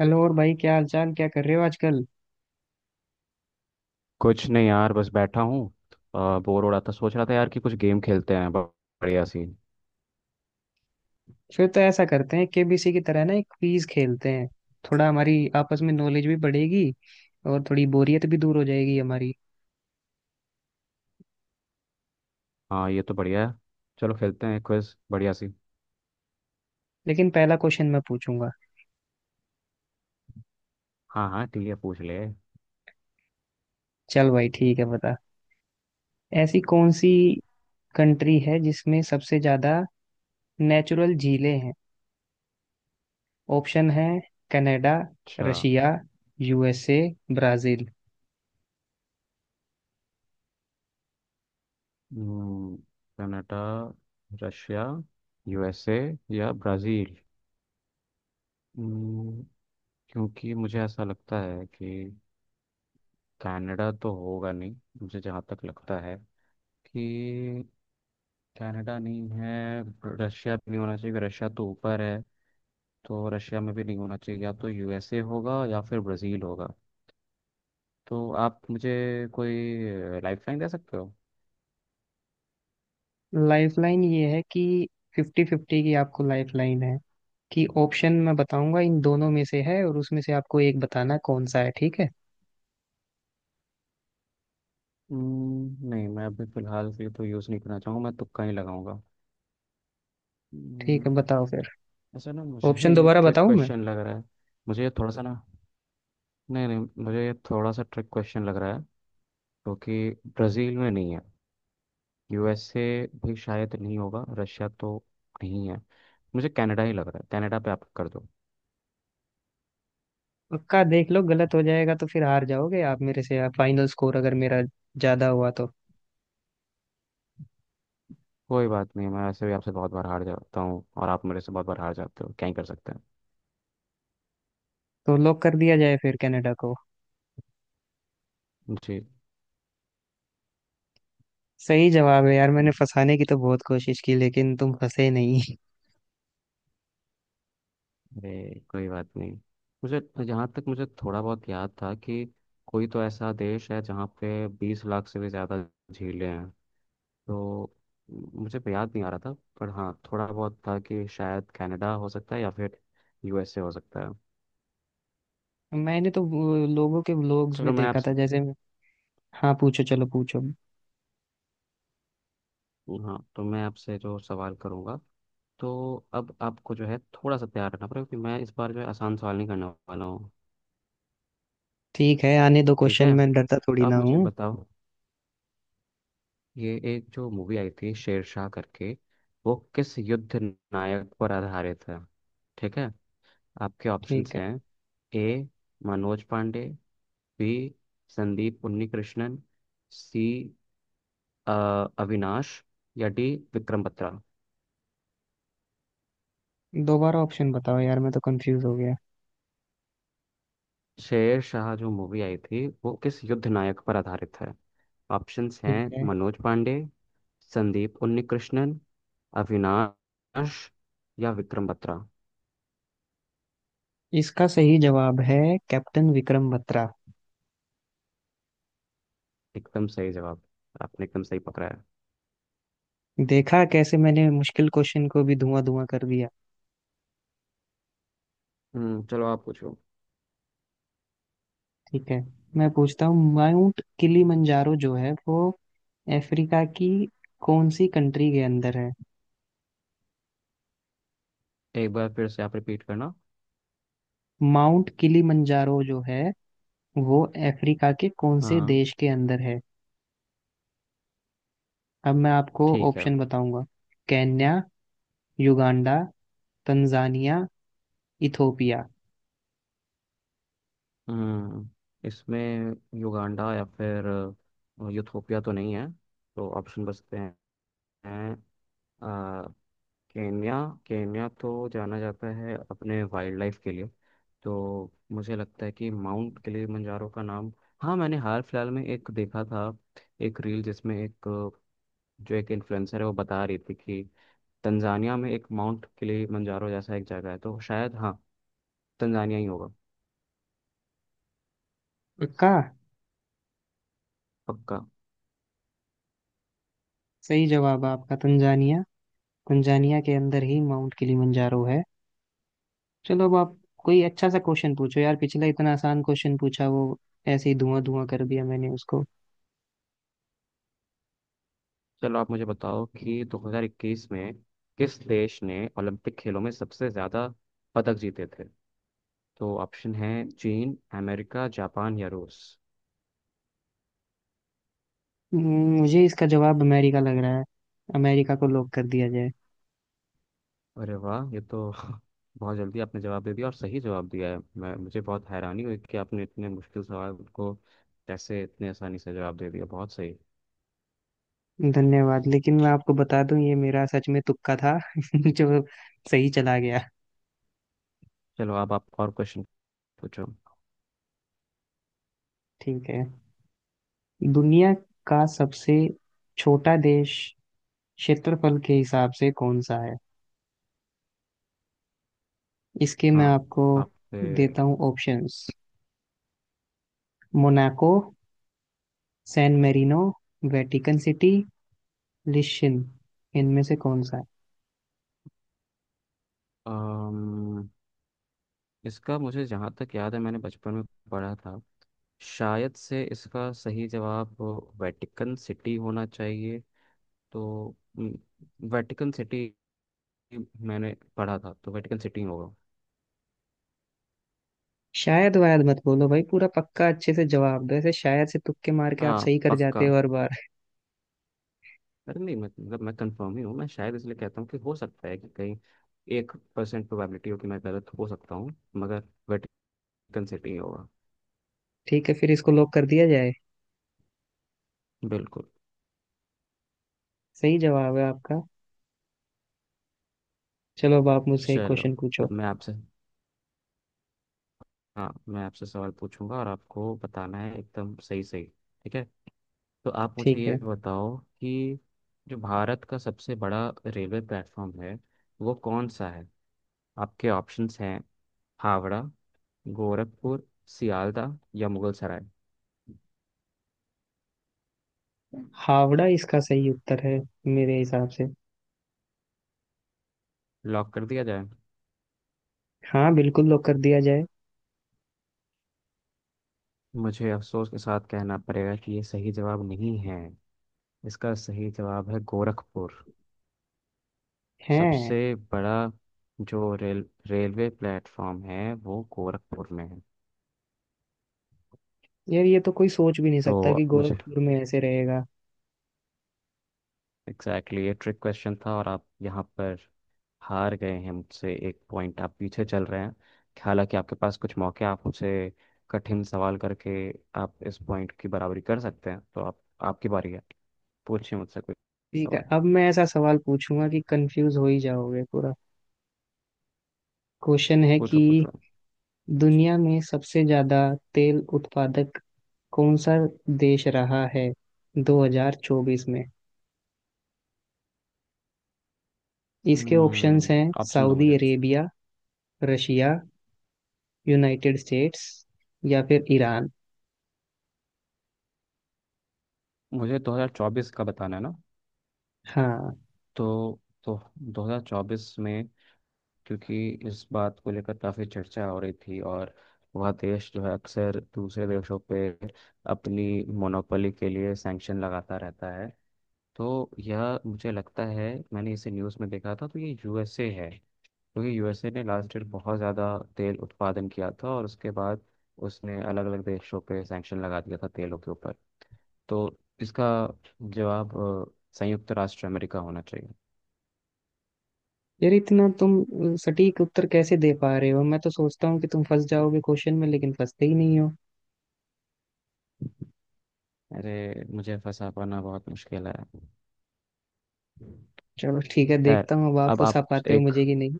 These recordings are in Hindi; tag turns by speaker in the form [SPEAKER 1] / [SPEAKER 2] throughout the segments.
[SPEAKER 1] हेलो और भाई, क्या हालचाल, क्या कर रहे हो आजकल।
[SPEAKER 2] कुछ नहीं यार। बस बैठा हूँ। बोर हो रहा था। सोच रहा था यार कि कुछ गेम खेलते हैं बढ़िया सी।
[SPEAKER 1] फिर तो ऐसा करते हैं, केबीसी की तरह ना एक क्विज खेलते हैं। थोड़ा हमारी आपस में नॉलेज भी बढ़ेगी और थोड़ी बोरियत भी दूर हो जाएगी हमारी।
[SPEAKER 2] हाँ ये तो बढ़िया है। चलो खेलते हैं क्विज बढ़िया सी।
[SPEAKER 1] लेकिन पहला क्वेश्चन मैं पूछूंगा।
[SPEAKER 2] हाँ हाँ ठीक है, पूछ ले।
[SPEAKER 1] चल भाई ठीक है, बता। ऐसी कौन सी कंट्री है जिसमें सबसे ज्यादा नेचुरल झीलें हैं? ऑप्शन है कनाडा,
[SPEAKER 2] अच्छा।
[SPEAKER 1] Russia, USA, Brazil.
[SPEAKER 2] हम्म, कनाडा, रशिया, यूएसए या ब्राज़ील। हम्म, क्योंकि मुझे ऐसा लगता है कि कनाडा तो होगा नहीं। मुझे जहाँ तक लगता है कि कनाडा नहीं है। रशिया भी नहीं होना चाहिए क्योंकि रशिया तो ऊपर है, तो रशिया में भी नहीं होना चाहिए। या तो यूएसए होगा या फिर ब्राज़ील होगा। तो आप मुझे कोई लाइफ लाइन दे सकते हो?
[SPEAKER 1] लाइफलाइन ये है कि फिफ्टी फिफ्टी की आपको लाइफलाइन है, कि ऑप्शन मैं बताऊंगा इन दोनों में से है और उसमें से आपको एक बताना कौन सा है। ठीक है?
[SPEAKER 2] नहीं, मैं अभी फ़िलहाल के लिए तो यूज़ नहीं करना चाहूँगा। मैं तुक्का ही लगाऊंगा।
[SPEAKER 1] ठीक
[SPEAKER 2] हम्म,
[SPEAKER 1] है, बताओ फिर।
[SPEAKER 2] ऐसा ना मुझे
[SPEAKER 1] ऑप्शन
[SPEAKER 2] ये
[SPEAKER 1] दोबारा
[SPEAKER 2] ट्रिक
[SPEAKER 1] बताऊं मैं?
[SPEAKER 2] क्वेश्चन लग रहा है। मुझे ये थोड़ा सा ना, नहीं नहीं, मुझे ये थोड़ा सा ट्रिक क्वेश्चन लग रहा है। क्योंकि ब्राज़ील में नहीं है, यूएसए भी शायद नहीं होगा, रशिया तो नहीं है। मुझे कनाडा ही लग रहा है, कनाडा पे आप कर दो।
[SPEAKER 1] पक्का देख लो, गलत हो जाएगा तो फिर हार जाओगे आप मेरे से। फाइनल स्कोर अगर मेरा ज्यादा हुआ तो।
[SPEAKER 2] कोई बात नहीं, मैं वैसे भी आपसे बहुत बार हार जाता हूँ और आप मेरे से बहुत बार हार जाते हो, क्या ही कर सकते हैं।
[SPEAKER 1] तो लॉक कर दिया जाए फिर कनाडा को।
[SPEAKER 2] जी।
[SPEAKER 1] सही जवाब है यार। मैंने फंसाने की तो बहुत कोशिश की, लेकिन तुम फंसे नहीं।
[SPEAKER 2] अरे कोई बात नहीं। मुझे जहाँ तक मुझे थोड़ा बहुत याद था कि कोई तो ऐसा देश है जहाँ पे 20 लाख से भी ज़्यादा झीलें हैं, तो मुझे तो याद नहीं आ रहा था। पर हाँ थोड़ा बहुत था कि शायद कनाडा हो सकता है या फिर यूएसए हो सकता है।
[SPEAKER 1] मैंने तो वो लोगों के व्लॉग्स में
[SPEAKER 2] चलो मैं
[SPEAKER 1] देखा था
[SPEAKER 2] आपसे,
[SPEAKER 1] जैसे। हाँ, पूछो चलो पूछो।
[SPEAKER 2] हाँ तो मैं आपसे जो सवाल करूँगा तो अब आपको जो है थोड़ा सा तैयार रहना पड़ेगा क्योंकि मैं इस बार जो है आसान सवाल नहीं करने वाला हूँ।
[SPEAKER 1] ठीक है, आने दो
[SPEAKER 2] ठीक
[SPEAKER 1] क्वेश्चन,
[SPEAKER 2] है,
[SPEAKER 1] मैं डरता
[SPEAKER 2] तो
[SPEAKER 1] थोड़ी ना
[SPEAKER 2] आप मुझे
[SPEAKER 1] हूँ।
[SPEAKER 2] बताओ ये एक जो मूवी आई थी शेरशाह करके, वो किस युद्ध नायक पर आधारित है? ठीक है, आपके ऑप्शंस
[SPEAKER 1] ठीक है।
[SPEAKER 2] हैं A Manoj Pande, B Sandeep Unnikrishnan, C अ, अविनाश या डी विक्रम बत्रा।
[SPEAKER 1] दोबारा ऑप्शन बताओ यार, मैं तो कंफ्यूज हो गया।
[SPEAKER 2] शेरशाह जो मूवी आई थी वो किस युद्ध नायक पर आधारित है? ऑप्शंस हैं
[SPEAKER 1] ठीक है।
[SPEAKER 2] मनोज पांडे, संदीप उन्नीकृष्णन, अविनाश या विक्रम बत्रा।
[SPEAKER 1] इसका सही जवाब है कैप्टन विक्रम बत्रा।
[SPEAKER 2] एकदम सही जवाब। आपने एकदम सही पकड़ा है।
[SPEAKER 1] देखा, कैसे मैंने मुश्किल क्वेश्चन को भी धुआं धुआं कर दिया।
[SPEAKER 2] हम्म, चलो आप पूछो।
[SPEAKER 1] ठीक है, मैं पूछता हूँ। माउंट किलीमंजारो जो है वो अफ्रीका की कौन सी कंट्री के अंदर है?
[SPEAKER 2] एक बार फिर से आप रिपीट करना।
[SPEAKER 1] माउंट किलीमंजारो जो है वो अफ्रीका के कौन से
[SPEAKER 2] हाँ।
[SPEAKER 1] देश के अंदर है? अब मैं आपको
[SPEAKER 2] ठीक है।
[SPEAKER 1] ऑप्शन बताऊंगा। Kenya, Uganda, Tanzania, Ethiopia.
[SPEAKER 2] हम्म इसमें युगांडा या फिर यूथोपिया तो नहीं है। तो ऑप्शन बचते हैं अ, केन्या। केन्या तो जाना जाता है अपने वाइल्ड लाइफ के लिए, तो मुझे लगता है कि माउंट किलिमंजारो का नाम, हाँ मैंने हाल फिलहाल में एक देखा था, एक रील जिसमें एक जो एक इन्फ्लुएंसर है वो बता रही थी कि तंजानिया में एक माउंट किलिमंजारो जैसा एक जगह है, तो शायद हाँ तंजानिया ही होगा।
[SPEAKER 1] का।
[SPEAKER 2] पक्का।
[SPEAKER 1] सही जवाब है आपका तंजानिया। तंजानिया के अंदर ही माउंट किलिमंजारो है। चलो अब आप कोई अच्छा सा क्वेश्चन पूछो यार। पिछला इतना आसान क्वेश्चन पूछा, वो ऐसे ही धुआं धुआं कर दिया मैंने उसको।
[SPEAKER 2] चलो आप मुझे बताओ कि 2021 में किस देश ने ओलंपिक खेलों में सबसे ज़्यादा पदक जीते थे? तो ऑप्शन है चीन, अमेरिका, जापान या रूस।
[SPEAKER 1] मुझे इसका जवाब अमेरिका लग रहा है। अमेरिका को लॉक कर दिया जाए।
[SPEAKER 2] अरे वाह, ये तो बहुत जल्दी आपने जवाब दे दिया और सही जवाब दिया है। मैं मुझे बहुत हैरानी हुई कि आपने इतने मुश्किल सवाल को कैसे इतने आसानी से जवाब दे दिया, बहुत सही।
[SPEAKER 1] धन्यवाद, लेकिन मैं आपको बता दूं, ये मेरा सच में तुक्का था जो सही चला गया।
[SPEAKER 2] चलो अब आप और क्वेश्चन पूछो।
[SPEAKER 1] ठीक है। दुनिया का सबसे छोटा देश क्षेत्रफल के हिसाब से कौन सा है? इसके मैं
[SPEAKER 2] हाँ।
[SPEAKER 1] आपको
[SPEAKER 2] आपसे।
[SPEAKER 1] देता हूँ options. Monaco, San Marino, Vatican City, लिशन। इनमें से कौन सा है?
[SPEAKER 2] अम्म, इसका मुझे जहाँ तक याद है, मैंने बचपन में पढ़ा था। शायद से इसका सही जवाब वेटिकन सिटी होना चाहिए। तो वेटिकन सिटी, मैंने पढ़ा था तो वेटिकन सिटी होगा।
[SPEAKER 1] शायद वायद मत बोलो भाई, पूरा पक्का अच्छे से जवाब दो। ऐसे शायद से तुक्के मार के आप
[SPEAKER 2] हाँ
[SPEAKER 1] सही कर
[SPEAKER 2] पक्का।
[SPEAKER 1] जाते हो हर बार।
[SPEAKER 2] अरे नहीं, मतलब मैं कंफर्म ही हूँ। मैं शायद इसलिए कहता हूँ कि हो सकता है कि कहीं 1% प्रोबेबिलिटी हो कि मैं गलत हो सकता हूँ, मगर वेटिकन सिटी होगा।
[SPEAKER 1] ठीक है, फिर इसको लॉक कर दिया जाए।
[SPEAKER 2] बिल्कुल।
[SPEAKER 1] सही जवाब है आपका। चलो अब आप मुझसे एक
[SPEAKER 2] चलो
[SPEAKER 1] क्वेश्चन पूछो।
[SPEAKER 2] अब मैं आपसे, हाँ मैं आपसे सवाल पूछूंगा और आपको बताना है एकदम सही सही। ठीक है। तो आप मुझे
[SPEAKER 1] ठीक है।
[SPEAKER 2] ये बताओ कि जो भारत का सबसे बड़ा रेलवे प्लेटफॉर्म है, वो कौन सा है? आपके ऑप्शंस हैं हावड़ा, गोरखपुर, सियालदह या मुगलसराय।
[SPEAKER 1] हावड़ा इसका सही उत्तर है मेरे हिसाब से।
[SPEAKER 2] लॉक कर दिया जाए।
[SPEAKER 1] हाँ बिल्कुल, लॉक कर दिया जाए।
[SPEAKER 2] मुझे अफसोस के साथ कहना पड़ेगा कि ये सही जवाब नहीं है। इसका सही जवाब है गोरखपुर। सबसे
[SPEAKER 1] हैं?
[SPEAKER 2] बड़ा जो रेलवे प्लेटफॉर्म है वो गोरखपुर में है।
[SPEAKER 1] यार, ये तो कोई सोच भी नहीं
[SPEAKER 2] तो
[SPEAKER 1] सकता कि
[SPEAKER 2] मुझे
[SPEAKER 1] गोरखपुर में ऐसे रहेगा।
[SPEAKER 2] एग्जैक्टली ये ट्रिक क्वेश्चन था और आप यहाँ पर हार गए हैं। मुझसे 1 पॉइंट आप पीछे चल रहे हैं। हालांकि आपके पास कुछ मौके हैं, आप मुझसे कठिन सवाल करके आप इस पॉइंट की बराबरी कर सकते हैं। तो आप, आपकी बारी है। पूछिए मुझसे कोई
[SPEAKER 1] ठीक है,
[SPEAKER 2] सवाल।
[SPEAKER 1] अब मैं ऐसा सवाल पूछूंगा कि कंफ्यूज हो ही जाओगे पूरा। क्वेश्चन है
[SPEAKER 2] पूछो
[SPEAKER 1] कि
[SPEAKER 2] पूछो।
[SPEAKER 1] दुनिया में सबसे ज्यादा तेल उत्पादक कौन सा देश रहा है 2024 में? इसके ऑप्शंस
[SPEAKER 2] हम्म
[SPEAKER 1] हैं
[SPEAKER 2] ऑप्शन दो
[SPEAKER 1] सऊदी
[SPEAKER 2] मुझे।
[SPEAKER 1] अरेबिया, रशिया, यूनाइटेड स्टेट्स, या फिर ईरान।
[SPEAKER 2] मुझे 2024 का बताना है ना?
[SPEAKER 1] हाँ।
[SPEAKER 2] तो 2024 में, क्योंकि इस बात को लेकर काफ़ी चर्चा हो रही थी और वह देश जो है अक्सर दूसरे देशों पे अपनी मोनोपोली के लिए सैंक्शन लगाता रहता है, तो यह मुझे लगता है, मैंने इसे न्यूज़ में देखा था, तो ये यूएसए है। क्योंकि यूएसए ने लास्ट ईयर बहुत ज़्यादा तेल उत्पादन किया था और उसके बाद उसने अलग अलग देशों पे सैंक्शन लगा दिया था तेलों के ऊपर। तो इसका जवाब अ, संयुक्त राष्ट्र अमेरिका होना चाहिए।
[SPEAKER 1] यार, इतना तुम सटीक उत्तर कैसे दे पा रहे हो। मैं तो सोचता हूँ कि तुम फंस जाओगे क्वेश्चन में, लेकिन फंसते ही नहीं हो।
[SPEAKER 2] अरे मुझे फंसा पाना बहुत मुश्किल है।
[SPEAKER 1] चलो ठीक है,
[SPEAKER 2] खैर
[SPEAKER 1] देखता हूँ अब आप
[SPEAKER 2] अब
[SPEAKER 1] फंसा
[SPEAKER 2] आप
[SPEAKER 1] पाते हो
[SPEAKER 2] एक,
[SPEAKER 1] मुझे कि नहीं।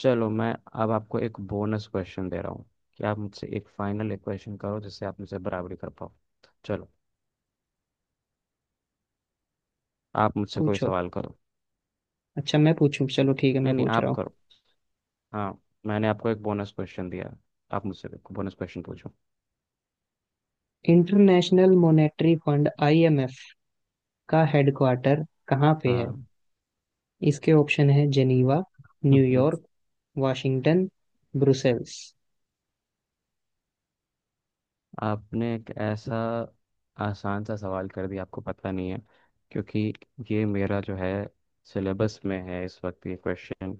[SPEAKER 2] चलो मैं अब आपको एक बोनस क्वेश्चन दे रहा हूँ कि आप मुझसे एक फाइनल एक क्वेश्चन करो जिससे आप मुझसे बराबरी कर पाओ। चलो आप मुझसे कोई
[SPEAKER 1] पूछो।
[SPEAKER 2] सवाल करो।
[SPEAKER 1] अच्छा मैं पूछूं, चलो ठीक है मैं
[SPEAKER 2] नहीं नहीं
[SPEAKER 1] पूछ रहा
[SPEAKER 2] आप
[SPEAKER 1] हूँ।
[SPEAKER 2] करो। हाँ, मैंने आपको एक बोनस क्वेश्चन दिया, आप मुझसे बोनस क्वेश्चन पूछो।
[SPEAKER 1] इंटरनेशनल मॉनेटरी फंड आईएमएफ का हेडक्वार्टर कहाँ पे है?
[SPEAKER 2] हाँ।
[SPEAKER 1] इसके ऑप्शन है जेनीवा, न्यूयॉर्क, वाशिंगटन, ब्रुसेल्स।
[SPEAKER 2] आपने एक ऐसा आसान सा सवाल कर दिया, आपको पता नहीं है क्योंकि ये मेरा जो है सिलेबस में है इस वक्त ये क्वेश्चन।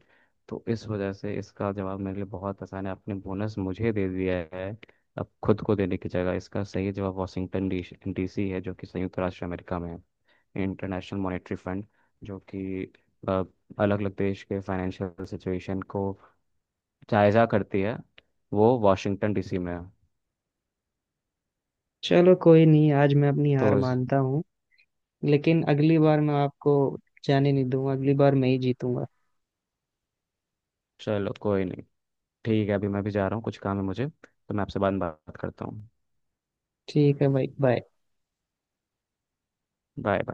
[SPEAKER 2] तो इस वजह से इसका जवाब मेरे लिए बहुत आसान है। आपने बोनस मुझे दे दिया है अब खुद को देने की जगह। इसका सही जवाब वाशिंगटन डी डीसी है जो कि संयुक्त राष्ट्र अमेरिका में है। इंटरनेशनल मॉनेटरी फंड जो कि अलग अलग देश के फाइनेंशियल सिचुएशन को जायजा करती है वो वाशिंगटन डीसी में है।
[SPEAKER 1] चलो कोई नहीं, आज मैं अपनी हार
[SPEAKER 2] तो इस-
[SPEAKER 1] मानता हूँ। लेकिन अगली बार मैं आपको जाने नहीं दूंगा, अगली बार मैं ही जीतूंगा।
[SPEAKER 2] चलो कोई नहीं। ठीक है, अभी मैं भी जा रहा हूँ, कुछ काम है मुझे, तो मैं आपसे बाद में बात करता हूँ।
[SPEAKER 1] ठीक है भाई, बाय।
[SPEAKER 2] Bye bye.